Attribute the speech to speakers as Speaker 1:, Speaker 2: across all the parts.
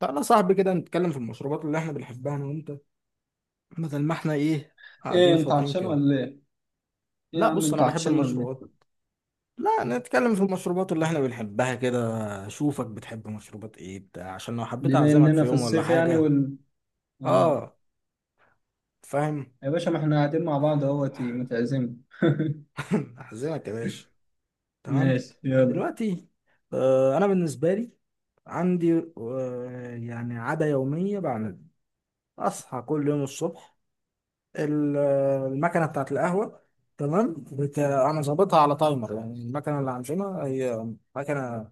Speaker 1: تعالى يا صاحبي كده نتكلم في المشروبات اللي احنا بنحبها انا وانت. بدل ما احنا ايه
Speaker 2: ايه
Speaker 1: قاعدين
Speaker 2: انت
Speaker 1: فاضيين
Speaker 2: عطشان
Speaker 1: كده.
Speaker 2: ولا ايه؟ ايه يا
Speaker 1: لا
Speaker 2: عم
Speaker 1: بص، انا
Speaker 2: انت
Speaker 1: بحب
Speaker 2: عطشان ولا
Speaker 1: المشروبات.
Speaker 2: ايه؟
Speaker 1: لا نتكلم في المشروبات اللي احنا بنحبها كده. اشوفك بتحب مشروبات ايه بتاع عشان لو حبيت
Speaker 2: بما
Speaker 1: اعزمك في
Speaker 2: اننا في
Speaker 1: يوم ولا
Speaker 2: الصيف يعني
Speaker 1: حاجة.
Speaker 2: وال اه
Speaker 1: اه، فاهم.
Speaker 2: يا باشا ما احنا قاعدين مع بعض اهوت متعزم
Speaker 1: اعزمك يا باشا. تمام.
Speaker 2: ماشي، يلا.
Speaker 1: دلوقتي انا بالنسبة لي عندي يعني عادة يومية بعملها. اصحى كل يوم الصبح ال- المكنه بتاعت القهوه. تمام، انا ظابطها على تايمر. يعني المكنه اللي عندنا هي مكنه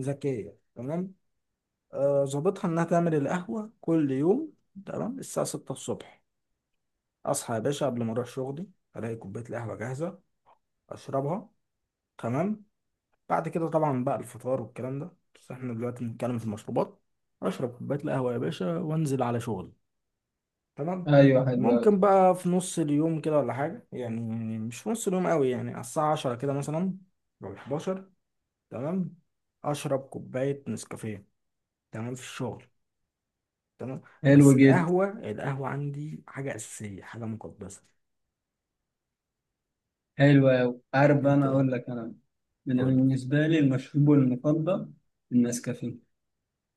Speaker 1: ذكيه. تمام، ظابطها انها تعمل القهوه كل يوم تمام الساعه 6 الصبح. اصحى يا باشا قبل ما اروح شغلي، الاقي كوبايه القهوه جاهزه، اشربها. تمام. بعد كده طبعا بقى الفطار والكلام ده، بس احنا دلوقتي بنتكلم في المشروبات. اشرب كوبايه القهوه يا باشا وانزل على شغلي. تمام.
Speaker 2: ايوه، حلو قوي.
Speaker 1: ممكن بقى في نص اليوم كده ولا حاجة يعني، مش في نص اليوم قوي، يعني على الساعة 10 كده مثلا أو 11. تمام، أشرب كوباية نسكافيه. تمام، في الشغل. تمام.
Speaker 2: حلو
Speaker 1: بس
Speaker 2: جدا.
Speaker 1: القهوة، القهوة عندي حاجة أساسية، حاجة مقدسة.
Speaker 2: حلو قوي. عارف بقى،
Speaker 1: أنت
Speaker 2: انا اقول لك. انا
Speaker 1: قول.
Speaker 2: بالنسبه لي المشروب المفضل النسكافيه.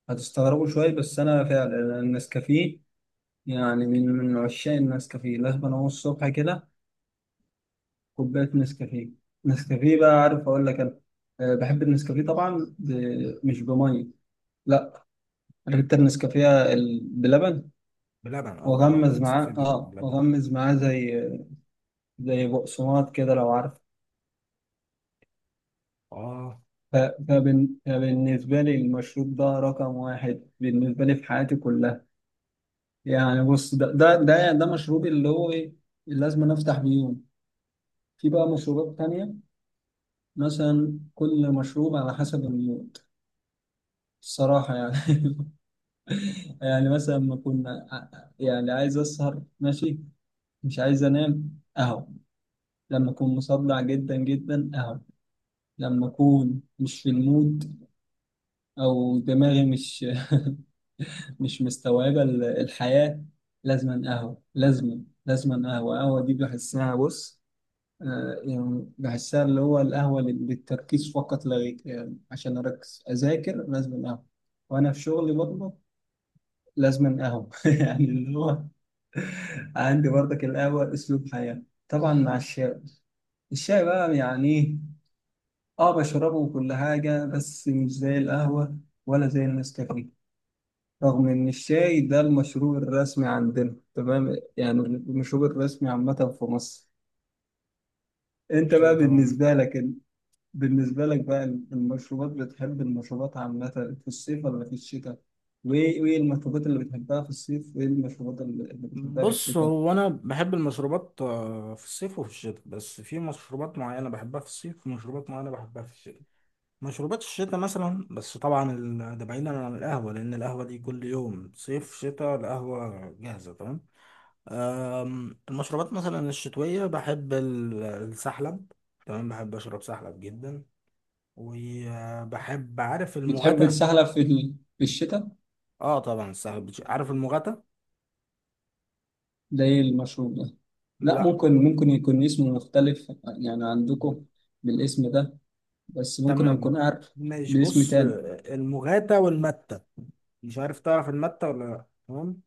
Speaker 2: هتستغربوا شويه، بس انا فعلا النسكافيه. يعني من عشاق النسكافيه. لازم انا الصبح كده كوباية نسكافيه. نسكافيه بقى، عارف أقول لك أنا؟ أه، بحب النسكافيه طبعا مش بمية. لا. أنا جبت النسكافيه بلبن.
Speaker 1: بلبن، أه طبعا النسكافيه بيبقى بلبن.
Speaker 2: وأغمز معاه، زي بقسماط كده لو عارف.
Speaker 1: أه.
Speaker 2: فبالنسبة لي المشروب ده رقم واحد بالنسبة لي في حياتي كلها. يعني بص، ده مشروبي اللي هو إيه، اللي لازم أنا أفتح بيه يوم. في بقى مشروبات تانية. مثلا كل مشروب على حسب المود، الصراحة يعني يعني مثلا ما كنا يعني عايز اسهر، ماشي. مش عايز انام اهو. لما اكون مصدع جدا جدا اهو. لما اكون مش في المود، او دماغي مش مش مستوعبه الحياه. لازما اهو، لازما لازما قهوه. قهوه دي بحسها، بص. يعني بحسها، اللي هو القهوه للتركيز فقط لا غير. يعني عشان اركز اذاكر لازما قهوه، وانا في شغلي برضه لازما قهوه يعني اللي هو، عندي برضك القهوة أسلوب حياة. طبعا مع الشاي. الشاي بقى يعني إيه، بشربه وكل حاجة، بس مش زي القهوة ولا زي النسكافيه، رغم إن الشاي ده المشروب الرسمي عندنا، تمام؟ يعني المشروب الرسمي عامة في مصر. أنت
Speaker 1: شاي
Speaker 2: بقى
Speaker 1: طبعا.
Speaker 2: بالنسبة لك، بقى المشروبات، بتحب المشروبات عامة في الصيف ولا في الشتاء؟ وإيه المشروبات اللي بتحبها في الصيف، وإيه المشروبات اللي بتحبها في
Speaker 1: بص،
Speaker 2: الشتاء؟
Speaker 1: هو أنا بحب المشروبات في الصيف وفي الشتاء، بس في مشروبات معينة بحبها في الصيف ومشروبات معينة بحبها في الشتاء. مشروبات الشتاء مثلا، بس طبعا ده بعيدا عن القهوة، لأن القهوة دي كل يوم صيف شتاء القهوة جاهزة. تمام. المشروبات مثلا الشتوية، بحب السحلب. تمام، بحب أشرب سحلب جدا. وبحب، عارف
Speaker 2: بتحب
Speaker 1: المغاتة؟
Speaker 2: تسحلب في الشتاء؟
Speaker 1: اه طبعا السحلب، عارف المغاتة؟
Speaker 2: زي المشروب ده؟ لا،
Speaker 1: لا.
Speaker 2: ممكن يكون اسمه مختلف يعني عندكم بالاسم ده، بس ممكن
Speaker 1: تمام،
Speaker 2: أكون عارف
Speaker 1: ماشي.
Speaker 2: باسم
Speaker 1: بص،
Speaker 2: تاني.
Speaker 1: المغاتة والمتة، مش عارف تعرف المتة ولا لا. تمام،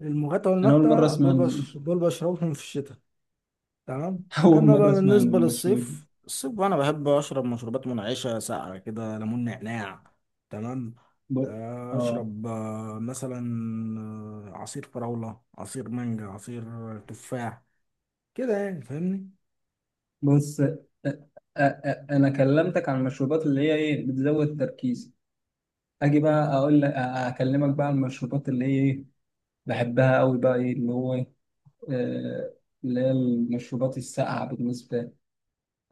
Speaker 1: المغاتة
Speaker 2: أنا أول مرة
Speaker 1: والمتة
Speaker 2: أسمع
Speaker 1: دول دول بشربهم في الشتاء. تمام.
Speaker 2: أول
Speaker 1: اما بقى
Speaker 2: مرة أسمع عن
Speaker 1: بالنسبه
Speaker 2: المشروب
Speaker 1: للصيف، الصيف انا بحب اشرب مشروبات منعشه ساقعه كده، ليمون نعناع. تمام،
Speaker 2: ده. ب... آه
Speaker 1: اشرب مثلا عصير فراوله، عصير مانجا، عصير تفاح، كده، يعني فاهمني.
Speaker 2: بص أ... أ... أ... أنا كلمتك عن المشروبات اللي هي إيه بتزود تركيزي. أجي بقى أقول لك، أكلمك بقى عن المشروبات اللي هي إيه، بحبها أوي بقى إيه اللي هو إيه. آه، اللي هي المشروبات الساقعة. بالنسبة،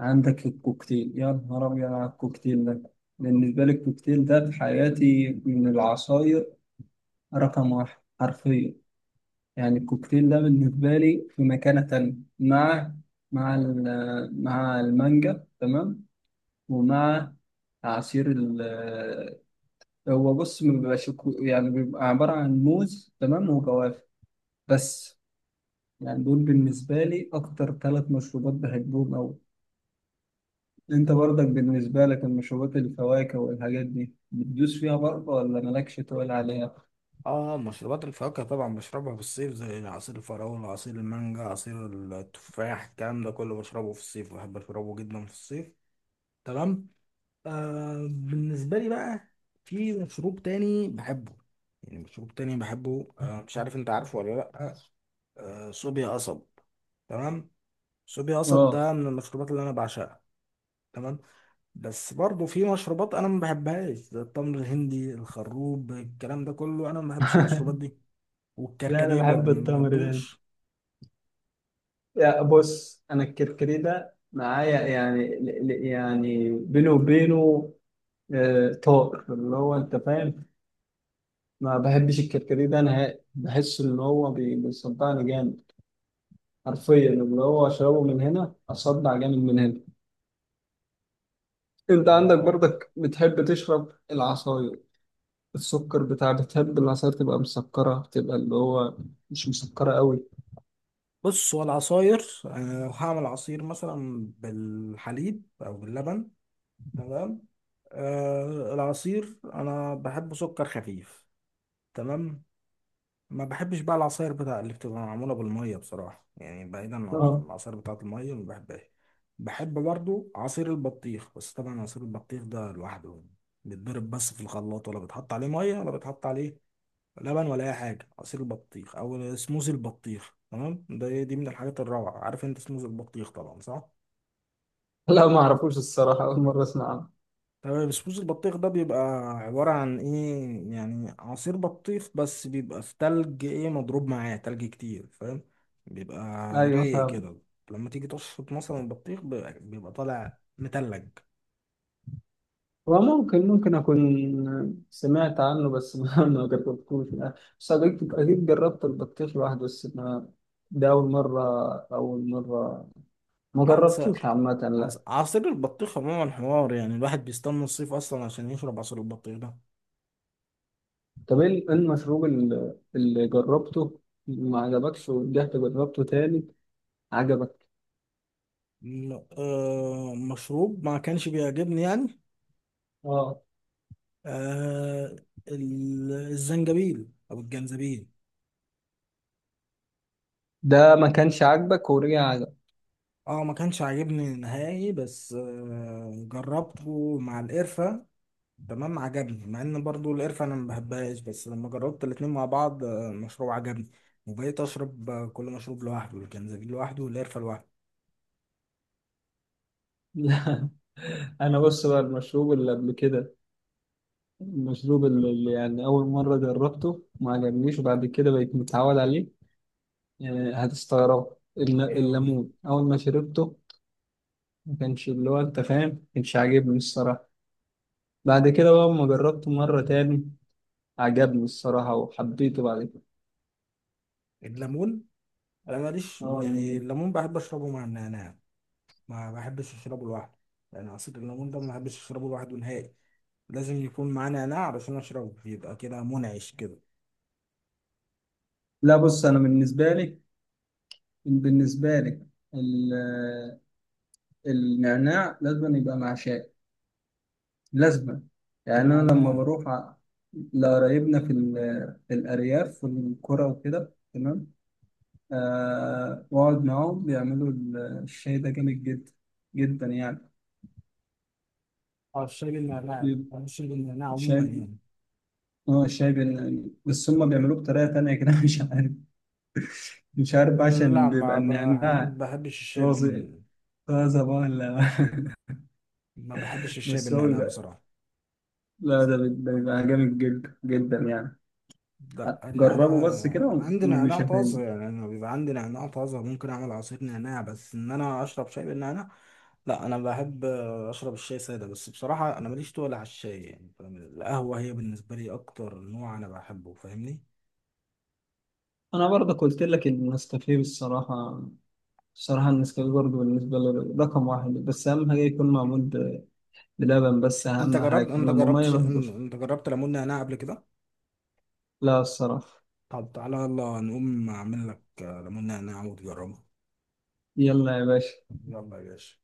Speaker 2: عندك الكوكتيل. يا نهار أبيض على الكوكتيل ده. بالنسبة لي الكوكتيل ده في حياتي من العصاير رقم واحد حرفيا. يعني الكوكتيل ده بالنسبة لي في مكانة تانية، مع مع المانجا، تمام، ومع عصير ال هو بص ما بيبقاش يعني بيبقى عبارة عن موز، تمام، وجوافة بس. يعني دول بالنسبة لي أكتر ثلاث مشروبات بحبهم أوي. انت برضك بالنسبة لك المشروبات، الفواكه والحاجات دي بتدوس فيها برضه ولا مالكش تقول عليها؟
Speaker 1: اه، مشروبات الفواكه طبعا بشربها في الصيف، زي عصير الفراوله، عصير المانجا، عصير التفاح، الكلام ده كله بشربه في الصيف، بحب اشربه جدا في الصيف. تمام. بالنسبة لي بقى، في مشروب تاني بحبه، يعني مشروب تاني بحبه مش عارف انت عارفه ولا لأ، صوبيا قصب. تمام، صوبيا قصب
Speaker 2: اه
Speaker 1: ده من المشروبات اللي انا بعشقها. تمام. بس برضه في مشروبات انا ما بحبهاش، زي التمر الهندي، الخروب، الكلام ده كله انا ما بحبش المشروبات دي.
Speaker 2: لا انا
Speaker 1: والكركديه
Speaker 2: بحب
Speaker 1: برضه ما
Speaker 2: التمر ده.
Speaker 1: بحبوش.
Speaker 2: يا بص، انا الكركديه ده معايا يعني يعني بينه وبينه. آه، طار اللي هو، انت فاهم، ما بحبش الكركديه ده نهائي. بحس ان هو بيصدعني جامد، حرفيا. اللي هو اشربه من هنا، اصدع جامد من هنا. انت عندك
Speaker 1: اه.
Speaker 2: برضك بتحب تشرب العصاير؟ السكر بتاع، بتحب العصاير تبقى مسكرة، تبقى اللي هو مش مسكرة قوي؟
Speaker 1: بص، هو العصاير، أنا لو هعمل عصير مثلا بالحليب أو باللبن، تمام، العصير انا بحب سكر خفيف. تمام. ما بحبش بقى العصاير بتاع اللي بتبقى معموله بالميه بصراحه. يعني بعيدا عن
Speaker 2: اه.
Speaker 1: العصاير بتاعه الميه ما بحبهاش. بحب برضو عصير البطيخ، بس طبعا عصير البطيخ ده لوحده، بيتضرب بس في الخلاط، ولا بيتحط عليه ميه ولا بيتحط عليه لبن ولا اي حاجه. عصير البطيخ او سموزي البطيخ، تمام، ده إيه؟ دي من الحاجات الروعه. عارف انت سموزي البطيخ طبعا، صح؟
Speaker 2: لا ما اعرفوش الصراحة، أول مرة أسمع عنه.
Speaker 1: تمام. سموز البطيخ ده بيبقى عبارة عن ايه؟ يعني عصير بطيخ بس بيبقى في تلج، ايه، مضروب معاه تلج كتير فاهم؟ بيبقى
Speaker 2: أيوه،
Speaker 1: رايق
Speaker 2: فاهم.
Speaker 1: كده، لما تيجي تشفط مثلا البطيخ بيبقى بيبقى طالع متلج.
Speaker 2: هو ممكن أكون سمعت عنه، بس ما ما جربتوش يعني. بس أكيد أكيد جربت البطيخ لوحده، بس ما، ده أول مرة. أول مرة ما
Speaker 1: لا،
Speaker 2: جربتوش عامة، لا.
Speaker 1: عصير البطيخ عموما حوار، يعني الواحد بيستنى الصيف اصلا عشان يشرب عصير البطيخ ده.
Speaker 2: طب إيه إيه المشروب اللي جربته ما عجبكش ورجعت جربته تاني عجبك؟
Speaker 1: مشروب ما كانش بيعجبني يعني
Speaker 2: اه.
Speaker 1: آه، الزنجبيل او الجنزبيل.
Speaker 2: ده ما كانش عاجبك ورجع؟
Speaker 1: اه ما كانش عاجبني نهائي، بس جربته مع القرفة. تمام، عجبني، مع ان برضو القرفة انا ما بحبهاش، بس لما جربت الاتنين مع بعض المشروب عجبني، وبقيت اشرب كل مشروب لوحده، الجنزبيل لوحده والقرفة لوحده.
Speaker 2: لا انا بص بقى، المشروب اللي قبل كده، المشروب اللي يعني اول مره جربته ما عجبنيش وبعد كده بقيت متعود عليه، يعني هتستغرب،
Speaker 1: ايه هو؟
Speaker 2: الليمون اول ما شربته ما كانش، اللي هو انت فاهم، ما كانش عاجبني الصراحه. بعد كده بقى لما جربته مره تاني عجبني الصراحه، وحبيته بعد كده.
Speaker 1: الليمون، انا ماليش،
Speaker 2: اه،
Speaker 1: يعني
Speaker 2: الليمون.
Speaker 1: الليمون بحب اشربه مع النعناع، ما بحبش اشربه لوحده. يعني عصير الليمون ده ما بحبش اشربه لوحده نهائي، لازم يكون معاه نعناع علشان اشربه، يبقى كده منعش كده.
Speaker 2: لا بص، انا بالنسبه لي ال- النعناع لازم يبقى مع شاي، لازما. يعني انا لما
Speaker 1: نعناع.
Speaker 2: بروح لقرايبنا في الارياف في القرى وكده، تمام، واقعد معاهم بيعملوا الشاي ده جامد جدا جدا يعني.
Speaker 1: اه، الشاي بالنعناع،
Speaker 2: بيبقى
Speaker 1: بحب الشاي بالنعناع عموما
Speaker 2: شاي،
Speaker 1: يعني.
Speaker 2: اه شاي بس هم بيعملوه بطريقه تانية كده مش عارف، مش عارف بقى،
Speaker 1: لا،
Speaker 2: عشان بيبقى
Speaker 1: ما بح-
Speaker 2: النعناع
Speaker 1: بحبش الشاي
Speaker 2: طازه.
Speaker 1: بال،
Speaker 2: طازه بقى ولا
Speaker 1: ما بحبش الشاي
Speaker 2: بس هو
Speaker 1: بالنعناع
Speaker 2: بيبقى،
Speaker 1: بصراحة.
Speaker 2: لا ده بيبقى جامد جدا جدا يعني.
Speaker 1: لا، لأن أنا
Speaker 2: جربوا بس كده
Speaker 1: عندي نعناع
Speaker 2: ومش
Speaker 1: طازة،
Speaker 2: هتندم.
Speaker 1: يعني أنا بيبقى عندي نعناع طازة، ممكن أعمل عصير نعناع، بس إن أنا أشرب شاي بالنعناع، لا. أنا بحب أشرب الشاي سادة، بس بصراحة أنا ماليش تقل على الشاي، يعني فاهم؟ القهوة هي بالنسبة لي أكتر نوع أنا بحبه، فاهمني؟
Speaker 2: انا برضه قلت لك النسكافيه، الصراحه. صراحة النسكافيه برضه بالنسبة لي رقم واحد، بس أهم حاجة يكون معمول بلبن، بس
Speaker 1: أنت
Speaker 2: أهم
Speaker 1: جربت،
Speaker 2: حاجة إنما مية مهبوش.
Speaker 1: أنت جربت ليمون نعناع قبل كده؟
Speaker 2: لا الصراحة.
Speaker 1: طب تعالى يلا نقوم أعمل لك ليمون نعناع وتجربه.
Speaker 2: يلا يا باشا.
Speaker 1: يلا يا باشا.